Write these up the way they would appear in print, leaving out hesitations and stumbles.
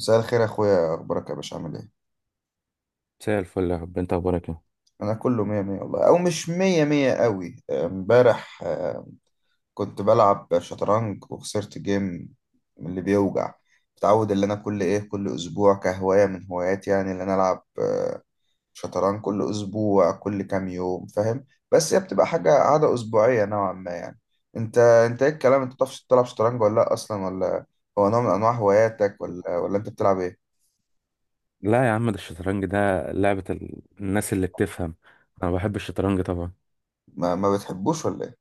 مساء الخير يا اخويا، اخبارك يا باشا؟ عامل ايه؟ مساء الفل، يا رب انت اخبارك ايه؟ انا كله مية مية والله، او مش مية مية قوي. امبارح كنت بلعب شطرنج وخسرت جيم من اللي بيوجع. متعود اللي انا كل ايه، كل اسبوع كهواية من هواياتي يعني اللي انا العب شطرنج كل اسبوع، كل كام يوم، فاهم؟ بس هي بتبقى حاجة عادة اسبوعية نوعا ما يعني. انت ايه الكلام، انت بتعرفش تلعب شطرنج ولا لا اصلا، ولا هو نوع من انواع هواياتك، ولا انت بتلعب ايه؟ لا يا عم، ده الشطرنج ده لعبة الناس اللي بتفهم. انا بحب الشطرنج طبعا. ما بتحبوش ولا ايه؟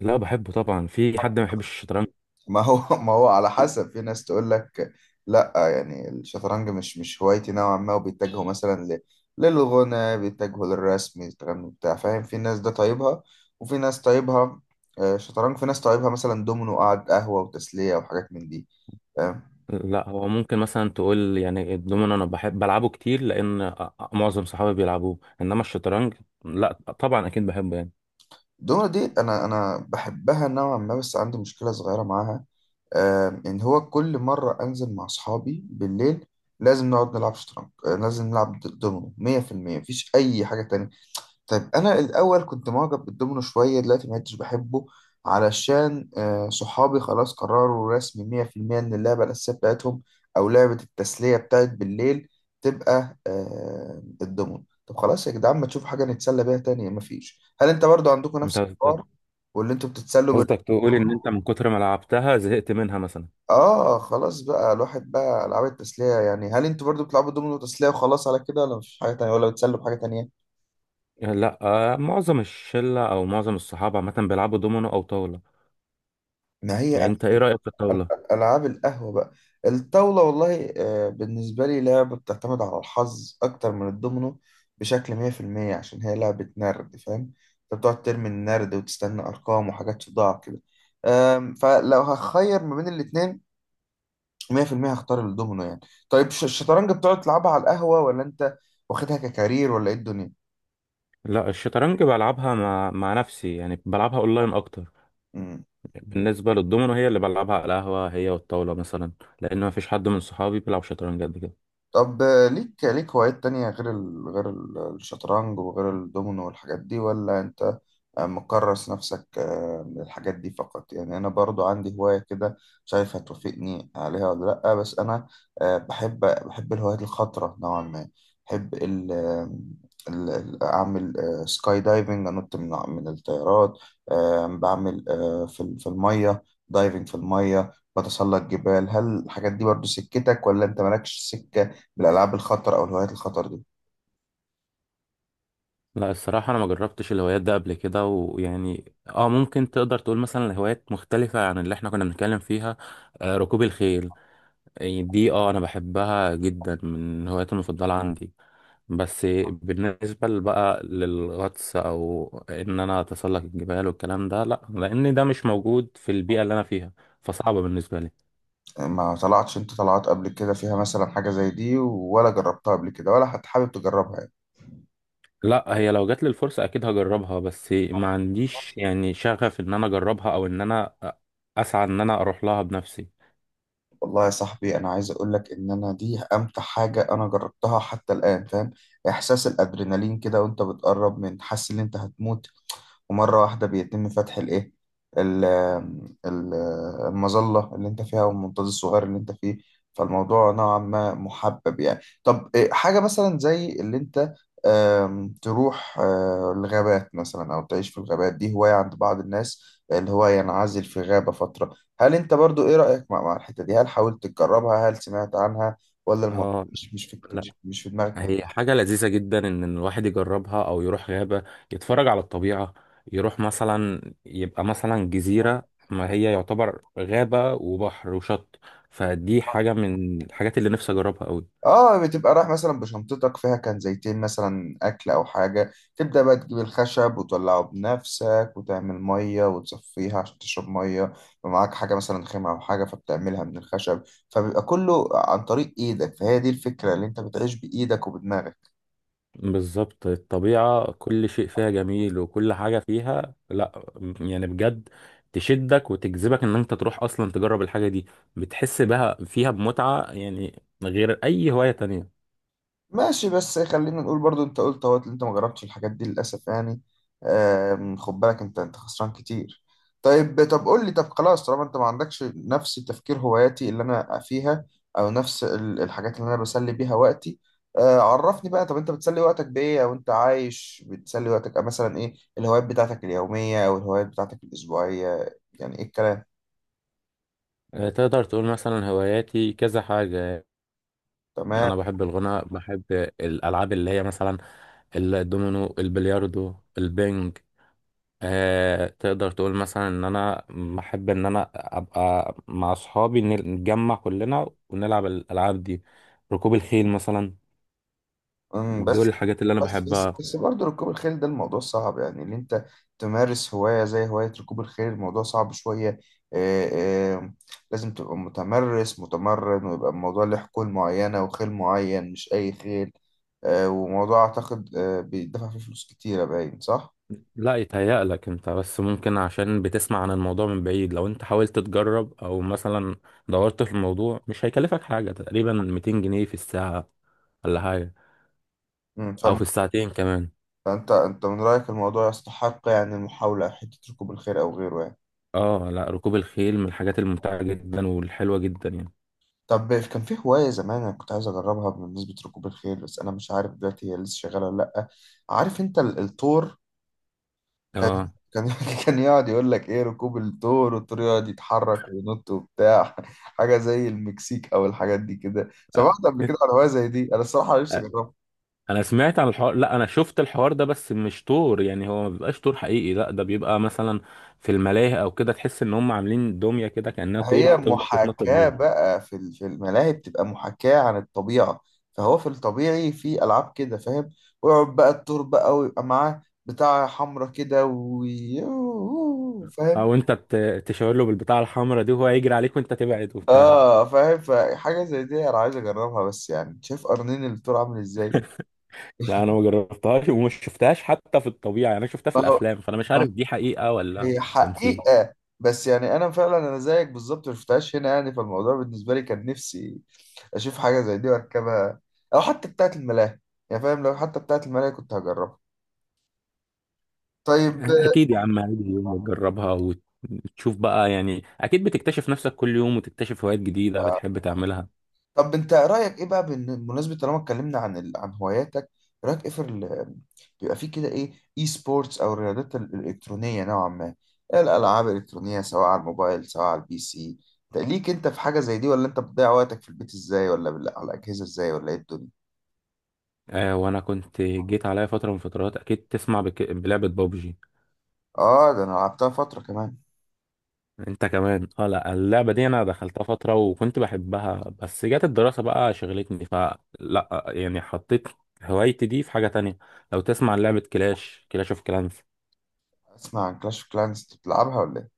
لا بحبه طبعا، في حد ما بيحبش الشطرنج؟ ما هو ما هو على حسب، في ناس تقول لك لا يعني الشطرنج مش هوايتي نوعا ما، وبيتجهوا مثلا للغنى، بيتجهوا للرسم، الكلام بتاع، فاهم؟ في ناس ده طيبها وفي ناس طيبها شطرنج، في ناس طيبها مثلا دومينو، قعد قهوة وتسلية وحاجات من دي، فاهم؟ لا هو ممكن مثلا تقول يعني الدومينو انا بحب بلعبه كتير لان معظم صحابي بيلعبوه، انما الشطرنج لا، طبعا اكيد بحبه يعني. الدومينو دي انا بحبها نوعا ما، بس عندي مشكلة صغيرة معاها ان هو كل مرة انزل مع اصحابي بالليل لازم نقعد نلعب شطرنج، لازم نلعب دومينو 100%. مفيش اي حاجة تانية. طيب انا الاول كنت معجب بالدومينو شويه، دلوقتي ما عدتش بحبه علشان صحابي خلاص قرروا رسمي 100% ان اللعبه الاساسيه بتاعتهم او لعبه التسليه بتاعت بالليل تبقى الدومينو. طب خلاص يا جدعان، ما تشوفوا حاجه نتسلى بيها تانية؟ مفيش. هل انت برضو عندكم نفس انت الحوار واللي انتوا بتتسلوا بال؟ قصدك تقول ان انت من كتر ما لعبتها زهقت منها مثلا؟ اه خلاص بقى الواحد، بقى العاب التسليه يعني. هل انتوا برضو بتلعبوا دومينو تسليه وخلاص على كده، ولا مفيش حاجه تانية، ولا بتسلوا بحاجه تانية؟ لا معظم الشلة او معظم الصحاب عامة بيلعبوا دومينو او طاولة. ما هي يعني انت ايه رأيك في الطاولة؟ ألعاب القهوة بقى. الطاولة والله بالنسبة لي لعبة بتعتمد على الحظ أكتر من الدومينو بشكل 100%، عشان هي لعبة نرد، فاهم؟ أنت بتقعد ترمي النرد وتستنى أرقام وحاجات تضاع كده. فلو هخير ما بين الاتنين 100% هختار الدومينو يعني. طيب الشطرنج بتقعد تلعبها على القهوة، ولا أنت واخدها ككارير، ولا إيه الدنيا؟ لا الشطرنج بلعبها مع نفسي، يعني بلعبها اونلاين اكتر. بالنسبه للدومينو هي اللي بلعبها على القهوه، هي والطاوله مثلا، لان ما فيش حد من صحابي بيلعب شطرنج قد كده. طب ليك هوايات تانية غير غير الشطرنج وغير الدومينو والحاجات دي، ولا انت مكرس نفسك من الحاجات دي فقط يعني؟ انا برضو عندي هواية كده، شايف هتوافقني عليها ولا لأ. بس انا بحب الهوايات الخطرة نوعا ما. بحب ال... آه، ال... ال- اعمل سكاي دايفنج، انط من الطيارات. بعمل في في المية دايفنج في المية. بتسلق جبال. هل الحاجات دي برضو سكتك، ولا انت مالكش سكة بالألعاب الخطر أو الهوايات الخطر دي؟ لا الصراحه انا ما جربتش الهوايات ده قبل كده، ويعني ممكن تقدر تقول مثلا الهوايات مختلفه عن اللي احنا كنا بنتكلم فيها. ركوب الخيل، يعني دي انا بحبها جدا من الهوايات المفضله عندي. بس بالنسبة بقى للغطس أو إن أنا أتسلق الجبال والكلام ده لأ، لأن ده مش موجود في البيئة اللي أنا فيها، فصعبة بالنسبة لي. يعني ما طلعتش، أنت طلعت قبل كده فيها مثلا حاجة زي دي، ولا جربتها قبل كده، ولا حتى حابب تجربها يعني؟ لأ، هي لو جات لي الفرصة أكيد هجربها، بس ما عنديش يعني شغف إن أنا أجربها أو إن أنا أسعى إن أنا أروح لها بنفسي. والله يا صاحبي أنا عايز أقول لك إن أنا دي أمتع حاجة أنا جربتها حتى الآن، فاهم؟ إحساس الأدرينالين كده وأنت بتقرب، من حاسس إن أنت هتموت، ومرة واحدة بيتم فتح الإيه، ال- ال- المظلة اللي أنت فيها، والمنطاد الصغير اللي أنت فيه. فالموضوع نوعا ما محبب يعني. طب حاجة مثلا زي اللي أنت تروح الغابات مثلا، أو تعيش في الغابات، دي هواية عند بعض الناس، اللي هو ينعزل في غابة فترة. هل أنت برضو إيه رأيك مع الحتة دي؟ هل حاولت تجربها؟ هل سمعت عنها؟ ولا الموضوع اه، مش مش في لا، مش مش في دماغك؟ هي حاجة لذيذة جدا إن الواحد يجربها أو يروح غابة يتفرج على الطبيعة، يروح مثلا يبقى مثلا جزيرة، ما هي يعتبر غابة وبحر وشط، فدي حاجة من الحاجات اللي نفسي أجربها أوي. اه، بتبقى رايح مثلا بشنطتك، فيها كان زيتين مثلا اكل او حاجه، تبدا بقى تجيب الخشب وتولعه بنفسك، وتعمل ميه وتصفيها عشان تشرب ميه، يبقى معاك حاجه مثلا خامه او حاجه فبتعملها من الخشب. فبيبقى كله عن طريق ايدك، فهي دي الفكره، اللي انت بتعيش بايدك وبدماغك. بالظبط، الطبيعة كل شيء فيها جميل، وكل حاجة فيها لأ، يعني بجد تشدك وتجذبك إن أنت تروح أصلا تجرب الحاجة دي، بتحس بها فيها بمتعة يعني غير أي هواية تانية. ماشي. بس خلينا نقول برضو، انت قلت اهوت اللي انت ما جربتش الحاجات دي للاسف يعني. خد بالك، انت خسران كتير. طيب، طب قول لي، طب خلاص طالما انت ما عندكش نفس تفكير هواياتي اللي انا فيها، او نفس الحاجات اللي انا بسلي بيها وقتي، عرفني بقى. طب انت بتسلي وقتك بايه، او انت عايش بتسلي وقتك مثلا ايه الهوايات بتاعتك اليومية، او الهوايات بتاعتك الاسبوعية، يعني ايه الكلام؟ تقدر تقول مثلا هواياتي كذا حاجة. تمام. انا بحب الغناء، بحب الالعاب اللي هي مثلا الدومينو، البلياردو، البنج. تقدر تقول مثلا ان انا بحب ان انا ابقى مع اصحابي، نتجمع كلنا ونلعب الالعاب دي، ركوب الخيل مثلا. أمم، دول بس الحاجات اللي انا بس بس بحبها. بس برضه ركوب الخيل ده الموضوع صعب يعني، ان انت تمارس هواية زي هواية ركوب الخيل الموضوع صعب شوية. آه، آه، لازم تبقى متمرس متمرن، ويبقى الموضوع له حقول معينة وخيل معين، مش أي خيل. وموضوع أعتقد بيدفع فيه فلوس كتيرة، باين صح؟ لا يتهيألك انت بس، ممكن عشان بتسمع عن الموضوع من بعيد. لو انت حاولت تجرب او مثلا دورت في الموضوع مش هيكلفك حاجة، تقريبا 200 جنيه في الساعة ولا حاجة، مم، او فالم- في الساعتين كمان. فأنت من رأيك الموضوع يستحق يعني المحاولة، حتة ركوب الخيل أو غيره يعني. اه لا، ركوب الخيل من الحاجات الممتعة جدا والحلوة جدا يعني. طب كان في هواية زمان أنا كنت عايز أجربها بمناسبة ركوب الخيل، بس أنا مش عارف دلوقتي هي لسه شغالة ولا لأ. عارف أنت الثور كان، اه كان كان يقعد يقول لك إيه، ركوب الثور، والثور يقعد يتحرك وينط وبتاع، حاجة زي المكسيك أو الحاجات دي كده. سمعت أ- قبل كده عن هواية زي دي؟ أنا الصراحة نفسي أ- أجربها. انا سمعت عن الحوار، لا انا شفت الحوار ده، بس مش طور، يعني هو ما بيبقاش طور حقيقي، لا ده بيبقى مثلا في الملاهي او كده، تحس ان هم عاملين دمية كده كأنها طور هي بتفضل تتنطط محاكاة بيه، بقى، في في الملاهي بتبقى محاكاة عن الطبيعة. فهو في الطبيعي في ألعاب كده، فاهم؟ ويقعد بقى الدور بقى، ويبقى معاه بتاع حمرا كده، فاهم؟ او انت تشاور له بالبتاعة الحمراء دي وهو يجري عليك وانت تبعد وبتاع. اه فاهم. فحاجة زي دي أنا عايز أجربها، بس يعني شايف قرنين الدور عامل إزاي. لا انا ما جربتهاش ومش شفتهاش حتى في الطبيعة، يعني انا شفتها في ما هو، الافلام، فانا مش ما عارف دي حقيقة ولا هي تمثيل. حقيقة. بس يعني أنا فعلا أنا زيك بالظبط ما شفتهاش هنا يعني، فالموضوع بالنسبة لي كان نفسي اشوف حاجه زي دي واركبها، او حتى بتاعه الملاهي يعني، فاهم؟ لو حتى بتاعه الملاهي كنت هجربها. طيب. اكيد يا عم، هيجي يوم وتجربها وتشوف بقى، يعني اكيد بتكتشف نفسك كل يوم وتكتشف هوايات جديدة بتحب تعملها. طب انت رايك ايه بقى، بمناسبه طالما اتكلمنا عن عن هواياتك، رايك ايه في بيبقى في كده ايه، اي سبورتس، او الرياضات الالكترونيه نوعا ما؟ إيه الالعاب الالكترونيه، سواء على الموبايل، سواء على البي سي؟ انت ليك، انت في حاجه زي دي، ولا انت بتضيع وقتك في البيت ازاي، ولا على الاجهزه ازاي، ولا ايه الدنيا؟ وانا كنت جيت عليا فترة من فترات، اكيد تسمع بلعبة بابجي. اه ده انا لعبتها فتره كمان. انت كمان؟ اه لا، اللعبة دي انا دخلتها فترة وكنت بحبها، بس جت الدراسة بقى شغلتني، فلا يعني حطيت هوايتي دي في حاجة تانية. لو تسمع لعبة كلاش اوف كلانس. اسمع عن كلاش اوف كلانس. بتلعبها ولا ايه؟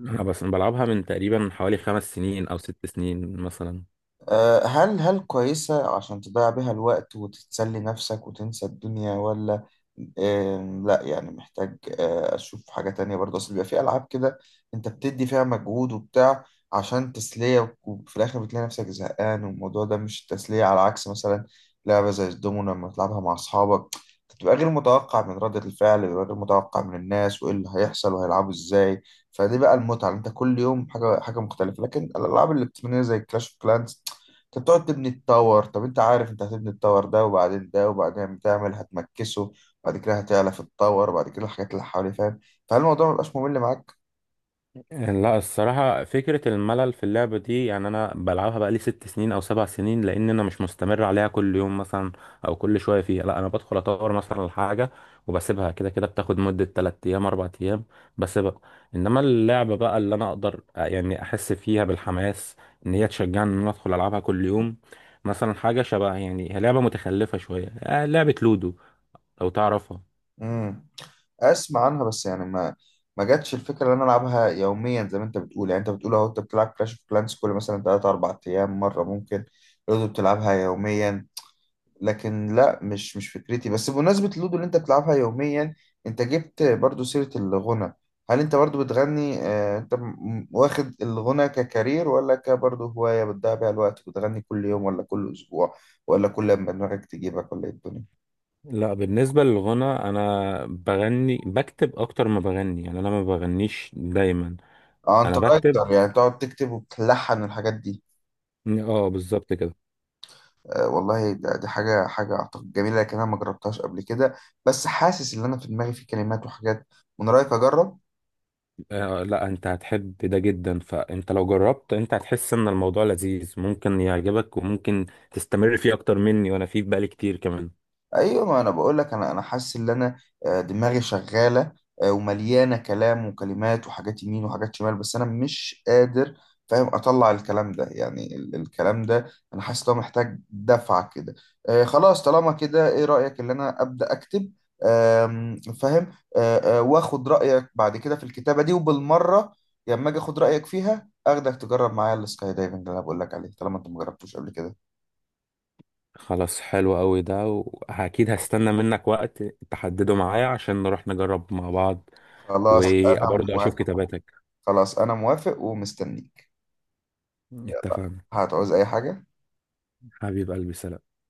انا بس بلعبها من تقريبا حوالي 5 سنين او 6 سنين مثلا. هل كويسة عشان تضيع بيها الوقت وتتسلي نفسك وتنسى الدنيا، ولا لا يعني محتاج أشوف حاجة تانية برضه؟ أصل بيبقى في ألعاب كده أنت بتدي فيها مجهود وبتاع عشان تسلية، وفي الآخر بتلاقي نفسك زهقان والموضوع ده مش تسلية، على عكس مثلا لعبة زي الدومينو لما تلعبها مع أصحابك، بتبقى غير متوقع من ردة الفعل، بيبقى غير متوقع من الناس، وإيه اللي هيحصل وهيلعبوا إزاي. فدي بقى المتعة، أنت كل يوم حاجة حاجة مختلفة. لكن الألعاب الإلكترونية زي كلاش أوف كلانس، انت بتقعد تبني التاور. طب انت عارف انت هتبني التاور ده وبعدين ده، وبعدين بتعمل هتمكسه، وبعد كده هتعلى في التاور، وبعد كده الحاجات اللي حواليه، فاهم؟ فهل الموضوع مبقاش ممل معاك؟ لا الصراحة فكرة الملل في اللعبة دي يعني أنا بلعبها بقالي 6 سنين أو 7 سنين، لأن أنا مش مستمر عليها كل يوم مثلا أو كل شوية فيها، لا أنا بدخل أطور مثلا الحاجة وبسيبها كده، كده بتاخد مدة 3 أيام 4 أيام بسيبها. إنما اللعبة بقى اللي أنا أقدر يعني أحس فيها بالحماس، إن هي تشجعني إن أنا أدخل ألعبها كل يوم، مثلا حاجة شبه يعني هي لعبة متخلفة شوية، لعبة لودو، لو تعرفها. امم، اسمع عنها بس يعني، ما جاتش الفكره ان انا العبها يوميا زي ما انت بتقول يعني. انت بتقول اهو انت بتلعب كلاش اوف كلانس كل مثلا 3 4 ايام مره، ممكن برضه بتلعبها يوميا، لكن لا مش فكرتي. بس بمناسبة اللودو اللي انت بتلعبها يوميا، انت جبت برضو سيرة الغنى. هل انت برضو بتغني؟ انت واخد الغنى ككارير، ولا كبرضو هواية بتضيع بيها الوقت، بتغني كل يوم، ولا كل اسبوع، ولا كل لما دماغك تجيبك، ولا ايه الدنيا؟ لا بالنسبة للغنى أنا بغني بكتب أكتر ما بغني، يعني أنا ما بغنيش دايما. اه انت أنا بكتب، رايتر يعني، بتقعد تكتب وبتلحن الحاجات دي؟ اه بالظبط كده. والله دي حاجة اعتقد جميلة، لكن انا ما جربتهاش قبل كده. بس حاسس ان انا في دماغي في كلمات وحاجات. من رايك اجرب؟ آه لا، أنت هتحب ده جدا، فأنت لو جربت أنت هتحس إن الموضوع لذيذ، ممكن يعجبك وممكن تستمر فيه أكتر مني، وأنا فيه بقالي كتير كمان. ايوه، ما انا بقول لك انا، حاسس ان انا دماغي شغاله ومليانه كلام وكلمات وحاجات يمين وحاجات شمال، بس انا مش قادر فاهم اطلع الكلام ده يعني الكلام ده، انا حاسس ان هو محتاج دفعه كده. خلاص طالما كده، ايه رايك ان انا ابدا اكتب؟ آم، فاهم. واخد رايك بعد كده في الكتابه دي، وبالمره لما اجي اخد رايك فيها اخدك تجرب معايا السكاي دايفنج اللي انا بقول لك عليه طالما انت مجربتوش قبل كده. خلاص، حلو أوي ده، وأكيد هستنى منك وقت تحدده معايا عشان نروح نجرب مع بعض، خلاص انا وبرضه أشوف موافق. كتاباتك. خلاص انا موافق ومستنيك. اتفقنا، هتعوز اي حاجة؟ حبيب قلبي، سلام.